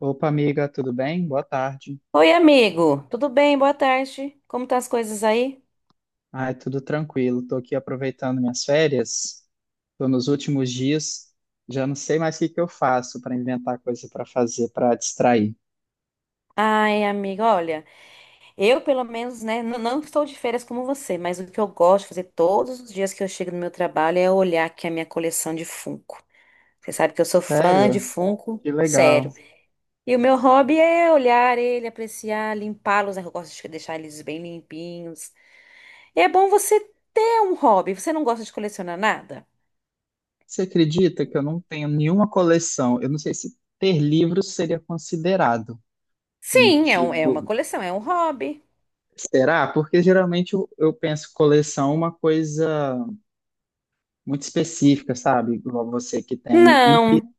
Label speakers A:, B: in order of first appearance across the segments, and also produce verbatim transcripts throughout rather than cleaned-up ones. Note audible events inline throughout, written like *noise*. A: Opa, amiga, tudo bem? Boa tarde.
B: Oi, amigo. Tudo bem? Boa tarde. Como tá as coisas aí?
A: Ai, tudo tranquilo. Tô aqui aproveitando minhas férias. Tô nos últimos dias. Já não sei mais o que que eu faço para inventar coisa para fazer, para distrair.
B: Ai, amigo, olha, eu pelo menos, né, n- não estou de férias como você, mas o que eu gosto de fazer todos os dias que eu chego no meu trabalho é olhar aqui a minha coleção de Funko. Você sabe que eu sou fã
A: Sério?
B: de Funko,
A: Que legal.
B: sério. E o meu hobby é olhar ele, apreciar, limpá-los, né? Eu gosto de deixar eles bem limpinhos. E é bom você ter um hobby. Você não gosta de colecionar nada?
A: Você acredita que eu não tenho nenhuma coleção? Eu não sei se ter livros seria considerado um
B: Sim, é um- é uma
A: tipo.
B: coleção, é um hobby.
A: Será? Porque geralmente eu, eu penso coleção é uma coisa muito específica, sabe? Igual você que tem. E
B: Não.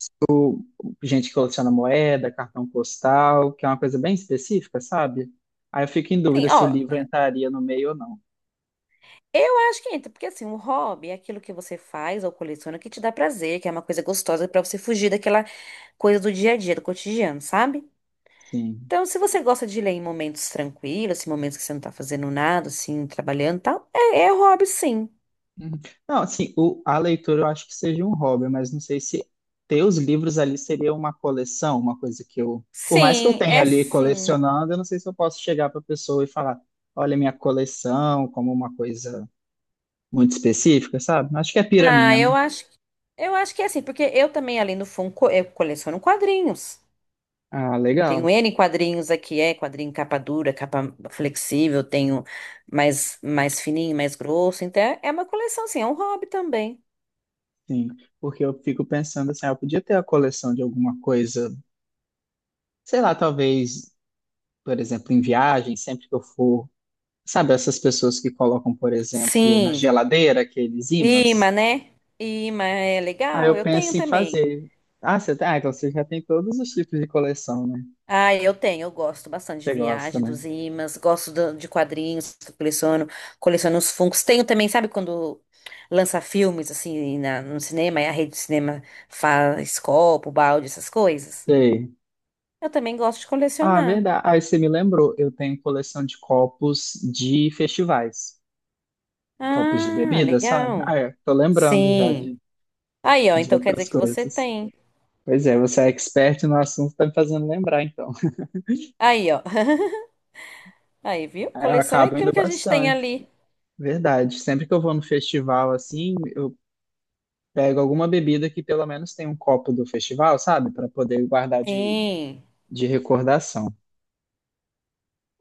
A: gente que coleciona moeda, cartão postal, que é uma coisa bem específica, sabe? Aí eu fico em dúvida
B: Sim,
A: se o
B: ó.
A: livro entraria no meio ou não.
B: Eu acho que entra, porque assim, um hobby é aquilo que você faz ou coleciona que te dá prazer, que é uma coisa gostosa pra você fugir daquela coisa do dia a dia, do cotidiano, sabe?
A: Sim.
B: Então, se você gosta de ler em momentos tranquilos, em momentos que você não tá fazendo nada, assim, trabalhando e tal, é, é hobby, sim.
A: Uhum. Não, assim, o- a leitura eu acho que seja um hobby, mas não sei se ter os livros ali seria uma coleção, uma coisa que eu. Por mais que eu
B: Sim,
A: tenha
B: é
A: ali
B: sim.
A: colecionando, eu não sei se eu posso chegar para a pessoa e falar: olha, minha coleção, como uma coisa muito específica, sabe? Acho que é pira
B: Ah,
A: minha,
B: eu
A: né?
B: acho, eu acho que é assim, porque eu também, além do fundo, eu coleciono quadrinhos.
A: Ah,
B: Tenho
A: legal.
B: N quadrinhos aqui, é quadrinho capa dura, capa flexível, tenho mais, mais fininho, mais grosso. Então é é uma coleção, sim, é um hobby também.
A: Sim, porque eu fico pensando assim, ah, eu podia ter a coleção de alguma coisa. Sei lá, talvez, por exemplo, em viagem, sempre que eu for, sabe, essas pessoas que colocam, por exemplo, na
B: Sim,
A: geladeira aqueles
B: imã,
A: ímãs?
B: né? Imã é
A: Aí
B: legal,
A: eu
B: eu tenho
A: penso em
B: também.
A: fazer. Ah, você tem, ah, então você já tem todos os tipos de coleção, né?
B: Ah, eu tenho, eu gosto bastante de
A: Você gosta,
B: viagem,
A: né?
B: dos imãs, gosto do- de quadrinhos que eu coleciono, coleciono os Funkos. Tenho também, sabe quando lança filmes assim na- no cinema e a rede de cinema faz copo, balde, essas coisas?
A: Sei.
B: Eu também gosto de
A: Ah,
B: colecionar.
A: verdade. Aí você me lembrou, eu tenho coleção de copos de festivais, copos de
B: Ah,
A: bebida, sabe? Ah,
B: legal.
A: é, tô lembrando já
B: Sim.
A: de,
B: Aí, ó,
A: de
B: então quer dizer
A: outras
B: que você
A: coisas.
B: tem.
A: Pois é, você é expert no assunto, tá me fazendo lembrar, então.
B: Aí, ó. *laughs* Aí, viu?
A: *laughs* Aí eu
B: Coleção é
A: acabo
B: aquilo
A: indo
B: que a gente tem
A: bastante.
B: ali.
A: Verdade. Sempre que eu vou no festival assim, eu pego alguma bebida que pelo menos tem um copo do festival, sabe? Para poder guardar de,
B: Sim.
A: de recordação.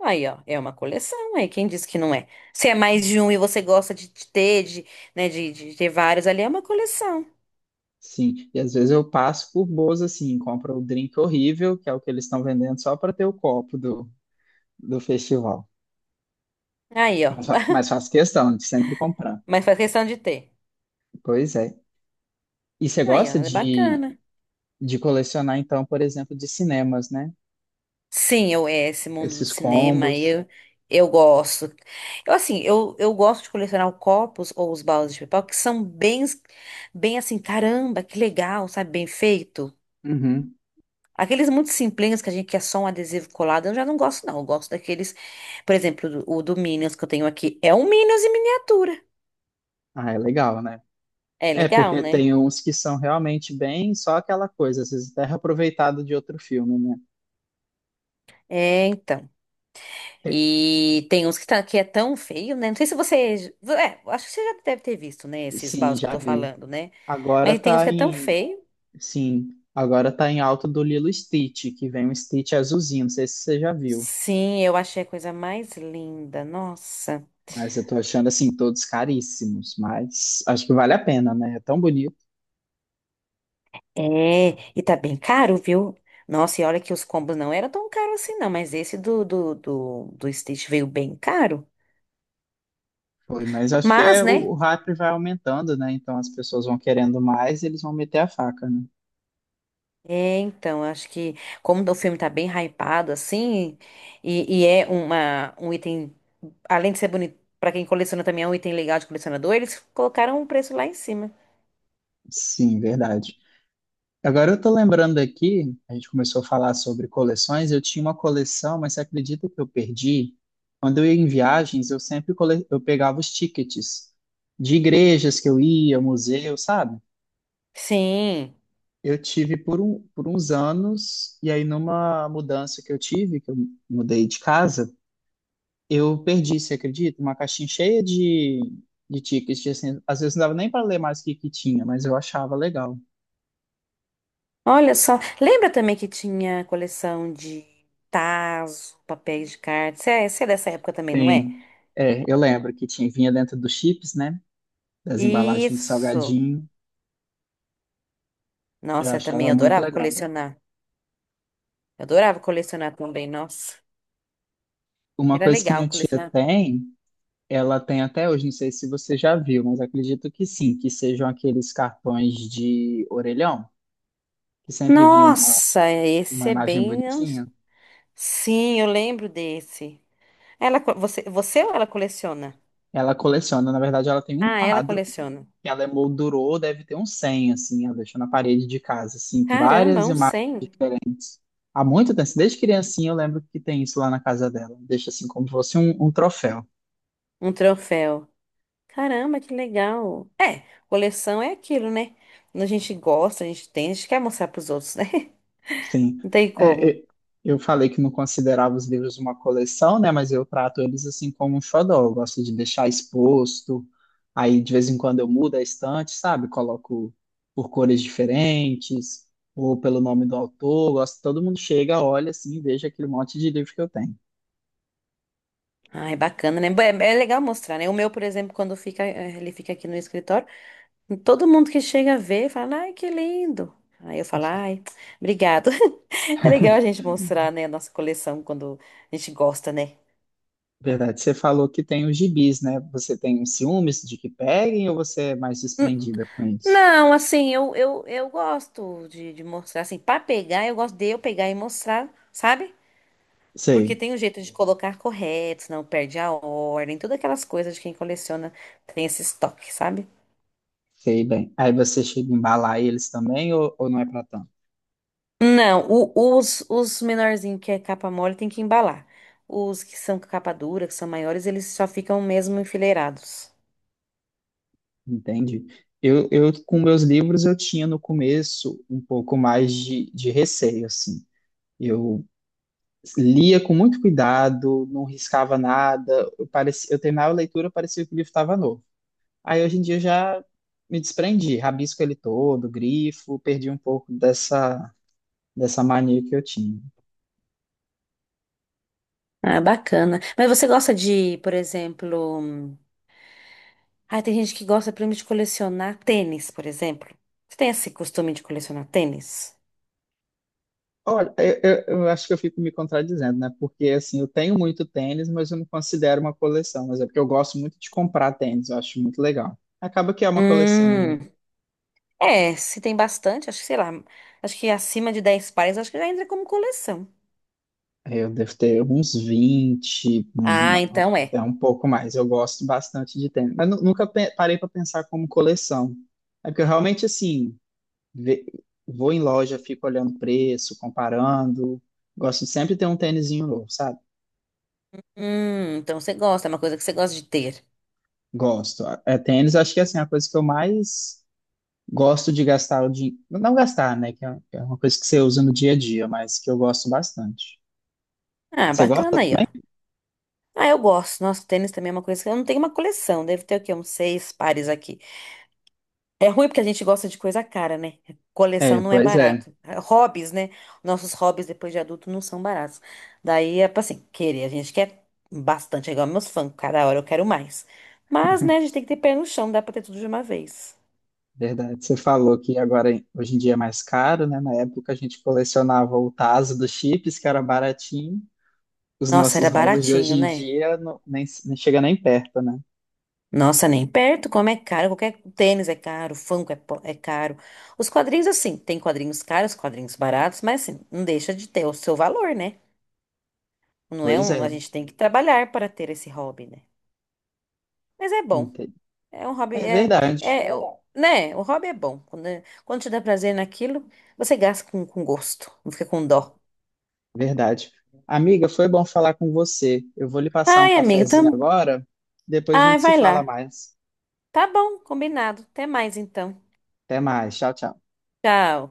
B: Aí, ó, é uma coleção, aí quem disse que não é? Se é mais de um e você gosta de de ter, de, né, de, de ter vários ali, é uma coleção.
A: Sim. E às vezes eu passo por boas assim, compro o drink horrível, que é o que eles estão vendendo só para ter o copo do, do festival.
B: Aí, ó.
A: Mas, fa-
B: *laughs*
A: mas faço questão de sempre comprar.
B: Mas faz questão de ter.
A: Pois é. E você
B: Aí, ó,
A: gosta
B: é
A: de,
B: bacana.
A: de colecionar, então, por exemplo, de cinemas, né?
B: Sim, eu é esse mundo do
A: Esses
B: cinema,
A: combos.
B: eu eu gosto. Eu assim, eu, eu gosto de colecionar copos ou os baldes de papel que são bem bem assim, caramba, que legal, sabe, bem feito.
A: Uhum.
B: Aqueles muito simplinhos que a gente quer só um adesivo colado, eu já não gosto não. Eu gosto daqueles, por exemplo, do- o do Minions que eu tenho aqui, é um Minions em miniatura.
A: Ah, é legal, né?
B: É
A: É,
B: legal,
A: porque
B: né?
A: tem uns que são realmente bem só aquela coisa, às vezes até reaproveitado de outro filme, né?
B: É, então.
A: É,
B: E tem uns que, tá, que é tão feio, né? Não sei se você. É, acho que você já deve ter visto, né? Esses
A: sim,
B: baldes que eu
A: já
B: tô
A: vi.
B: falando, né?
A: Agora
B: Mas tem uns
A: tá
B: que é tão
A: em.
B: feio.
A: Sim, agora tá em alta do Lilo e Stitch, que vem um Stitch azulzinho, não sei se você já viu.
B: Sim, eu achei a coisa mais linda. Nossa.
A: Mas eu tô achando, assim, todos caríssimos, mas acho que vale a pena, né? É tão bonito.
B: É, e tá bem caro, viu? Nossa, e olha que os combos não eram tão caros assim, não. Mas esse do, do, do, do Stitch veio bem caro.
A: Foi, mas acho que
B: Mas,
A: é, o,
B: né?
A: o hype vai aumentando, né? Então as pessoas vão querendo mais e eles vão meter a faca, né?
B: É, então, acho que como o filme tá bem hypado, assim, e, e é uma, um item, além de ser bonito, pra quem coleciona também é um item legal de colecionador, eles colocaram um preço lá em cima.
A: Sim, verdade. Agora eu tô lembrando aqui, a gente começou a falar sobre coleções, eu tinha uma coleção, mas você acredita que eu perdi? Quando eu ia em viagens, eu sempre cole... eu pegava os tickets de igrejas que eu ia, museu, sabe?
B: Sim.
A: Eu tive por, um, por uns anos, e aí numa mudança que eu tive, que eu mudei de casa, eu perdi, você acredita? Uma caixinha cheia de, de tickets, de, assim, às vezes não dava nem para ler mais o que que tinha, mas eu achava legal.
B: Olha só, lembra também que tinha coleção de tazos, papéis de cartas? Você é, você é dessa época também, não
A: Tem
B: é?
A: é, eu lembro que tinha, vinha dentro dos chips, né? Das embalagens de
B: Isso.
A: salgadinho. Eu
B: Nossa, eu também
A: achava muito
B: adorava
A: legal.
B: colecionar. Eu adorava colecionar também, nossa.
A: Uma
B: Era
A: coisa que
B: legal
A: minha tia
B: colecionar.
A: tem, ela tem até hoje, não sei se você já viu, mas acredito que sim, que sejam aqueles cartões de orelhão, que sempre vinha uma,
B: Nossa,
A: uma
B: esse é
A: imagem
B: bem.
A: bonitinha.
B: Sim, eu lembro desse. Ela, co- você, você ou ela coleciona?
A: Ela coleciona, na verdade, ela tem um
B: Ah, ela
A: quadro,
B: coleciona.
A: que ela emoldurou, deve ter uns cem, assim, ela deixou na parede de casa, assim, com
B: Caramba,
A: várias
B: um
A: imagens
B: cem,
A: diferentes. Há muito tempo, desde criancinha eu lembro que tem isso lá na casa dela. Deixa assim como se fosse um um troféu.
B: um troféu. Caramba, que legal. É, coleção é aquilo, né? Quando a gente gosta, a gente tem, a gente quer mostrar pros outros, né?
A: Sim.
B: *laughs* Não tem
A: É,
B: como.
A: e- eu falei que não considerava os livros uma coleção, né? Mas eu trato eles assim como um xodó. Eu gosto de deixar exposto. Aí, de vez em quando, eu mudo a estante, sabe? Coloco por cores diferentes ou pelo nome do autor. Eu gosto, todo mundo chega, olha assim e veja aquele monte de livro que eu tenho.
B: Ah, é bacana, né? Bom, É, é legal mostrar, né? O meu, por exemplo, quando fica, eh, ele fica aqui no escritório, todo mundo que chega vê fala, ai, que lindo. Aí eu falo, ai, *tsk* obrigado. *laughs* É legal a gente mostrar, né, a nossa coleção quando a gente gosta, né?
A: Verdade, você falou que tem os gibis, né? Você tem ciúmes de que peguem ou você é mais desprendida com isso?
B: Não, assim, eu, eu, eu gosto de, de mostrar, assim, pra pegar, eu gosto de eu pegar e mostrar, sabe? Porque
A: Sei,
B: tem um jeito de colocar correto, senão perde a ordem, todas aquelas coisas de quem coleciona tem esse estoque, sabe?
A: sei bem. Aí você chega a embalar eles também ou, ou não é para tanto?
B: Não, o- os, os menorzinhos que é capa mole tem que embalar. Os que são capa dura, que são maiores, eles só ficam mesmo enfileirados.
A: Entende? Eu, eu, com meus livros, eu tinha no começo um pouco mais de, de receio, assim. Eu lia com muito cuidado, não riscava nada, eu, parecia, eu terminava a leitura, parecia que o livro estava novo. Aí, hoje em dia, eu já me desprendi, rabisco ele todo, grifo, perdi um pouco dessa, dessa mania que eu tinha.
B: Ah, bacana. Mas você gosta de, por exemplo. Ah, tem gente que gosta, por exemplo, de colecionar tênis, por exemplo. Você tem esse costume de colecionar tênis?
A: Olha, eu, eu- eu acho que eu fico me contradizendo, né? Porque, assim, eu tenho muito tênis, mas eu não considero uma coleção. Mas é porque eu gosto muito de comprar tênis, eu acho muito legal. Acaba que é uma coleção, né?
B: Hum, é, se tem bastante, acho que, sei lá, acho que acima de dez pares, acho que já entra como coleção.
A: Eu devo ter uns vinte, um-
B: Ah, então é.
A: até um pouco mais. Eu gosto bastante de tênis. Mas nu- nunca pe- parei para pensar como coleção. É porque eu realmente, assim, ve- vou em loja, fico olhando preço, comparando. Gosto de sempre ter um tênisinho novo, sabe?
B: Hum, então você gosta, é uma coisa que você gosta de ter.
A: Gosto. É, tênis, acho que, assim, é a coisa que eu mais gosto de gastar o dinheiro. Não gastar, né? Que é que é uma coisa que você usa no dia a dia, mas que eu gosto bastante.
B: Ah,
A: Você gosta?
B: bacana aí, ó. Ah, eu gosto. Nossa, tênis também é uma coisa que eu não tenho uma coleção, deve ter o quê? Uns seis pares aqui. É ruim porque a gente gosta de coisa cara, né?
A: É,
B: Coleção não é
A: pois é.
B: barato. Hobbies, né? Nossos hobbies depois de adulto não são baratos. Daí é pra assim, querer. A gente quer bastante, é igual meus fãs. Cada hora eu quero mais. Mas, né, a gente tem que ter pé no chão, dá pra ter tudo de uma vez.
A: Verdade. Você falou que agora, hoje em dia, é mais caro, né? Na época, a gente colecionava o taso dos chips, que era baratinho. Os
B: Nossa,
A: nossos
B: era
A: hobbies de hoje
B: baratinho,
A: em
B: né?
A: dia não, nem, nem chega nem perto, né?
B: Nossa, nem perto, como é caro. Qualquer tênis é caro, Funko é, po- é caro. Os quadrinhos, assim, tem quadrinhos caros, quadrinhos baratos, mas assim, não deixa de ter o seu valor, né? Não é
A: Pois
B: um. A
A: é.
B: gente tem que trabalhar para ter esse hobby, né? Mas é bom.
A: Entendi.
B: É um hobby,
A: É
B: é, é,
A: verdade.
B: é eu- né? O hobby é bom. Quando, quando te dá prazer naquilo, você gasta com, com, gosto, não fica com dó.
A: Verdade. Amiga, foi bom falar com você. Eu vou lhe passar um
B: Ai, amigo, tam...
A: cafezinho agora, depois a
B: Ai,
A: gente se
B: vai
A: fala
B: lá.
A: mais.
B: Tá bom, combinado. Até mais então.
A: Até mais. Tchau, tchau.
B: Tchau.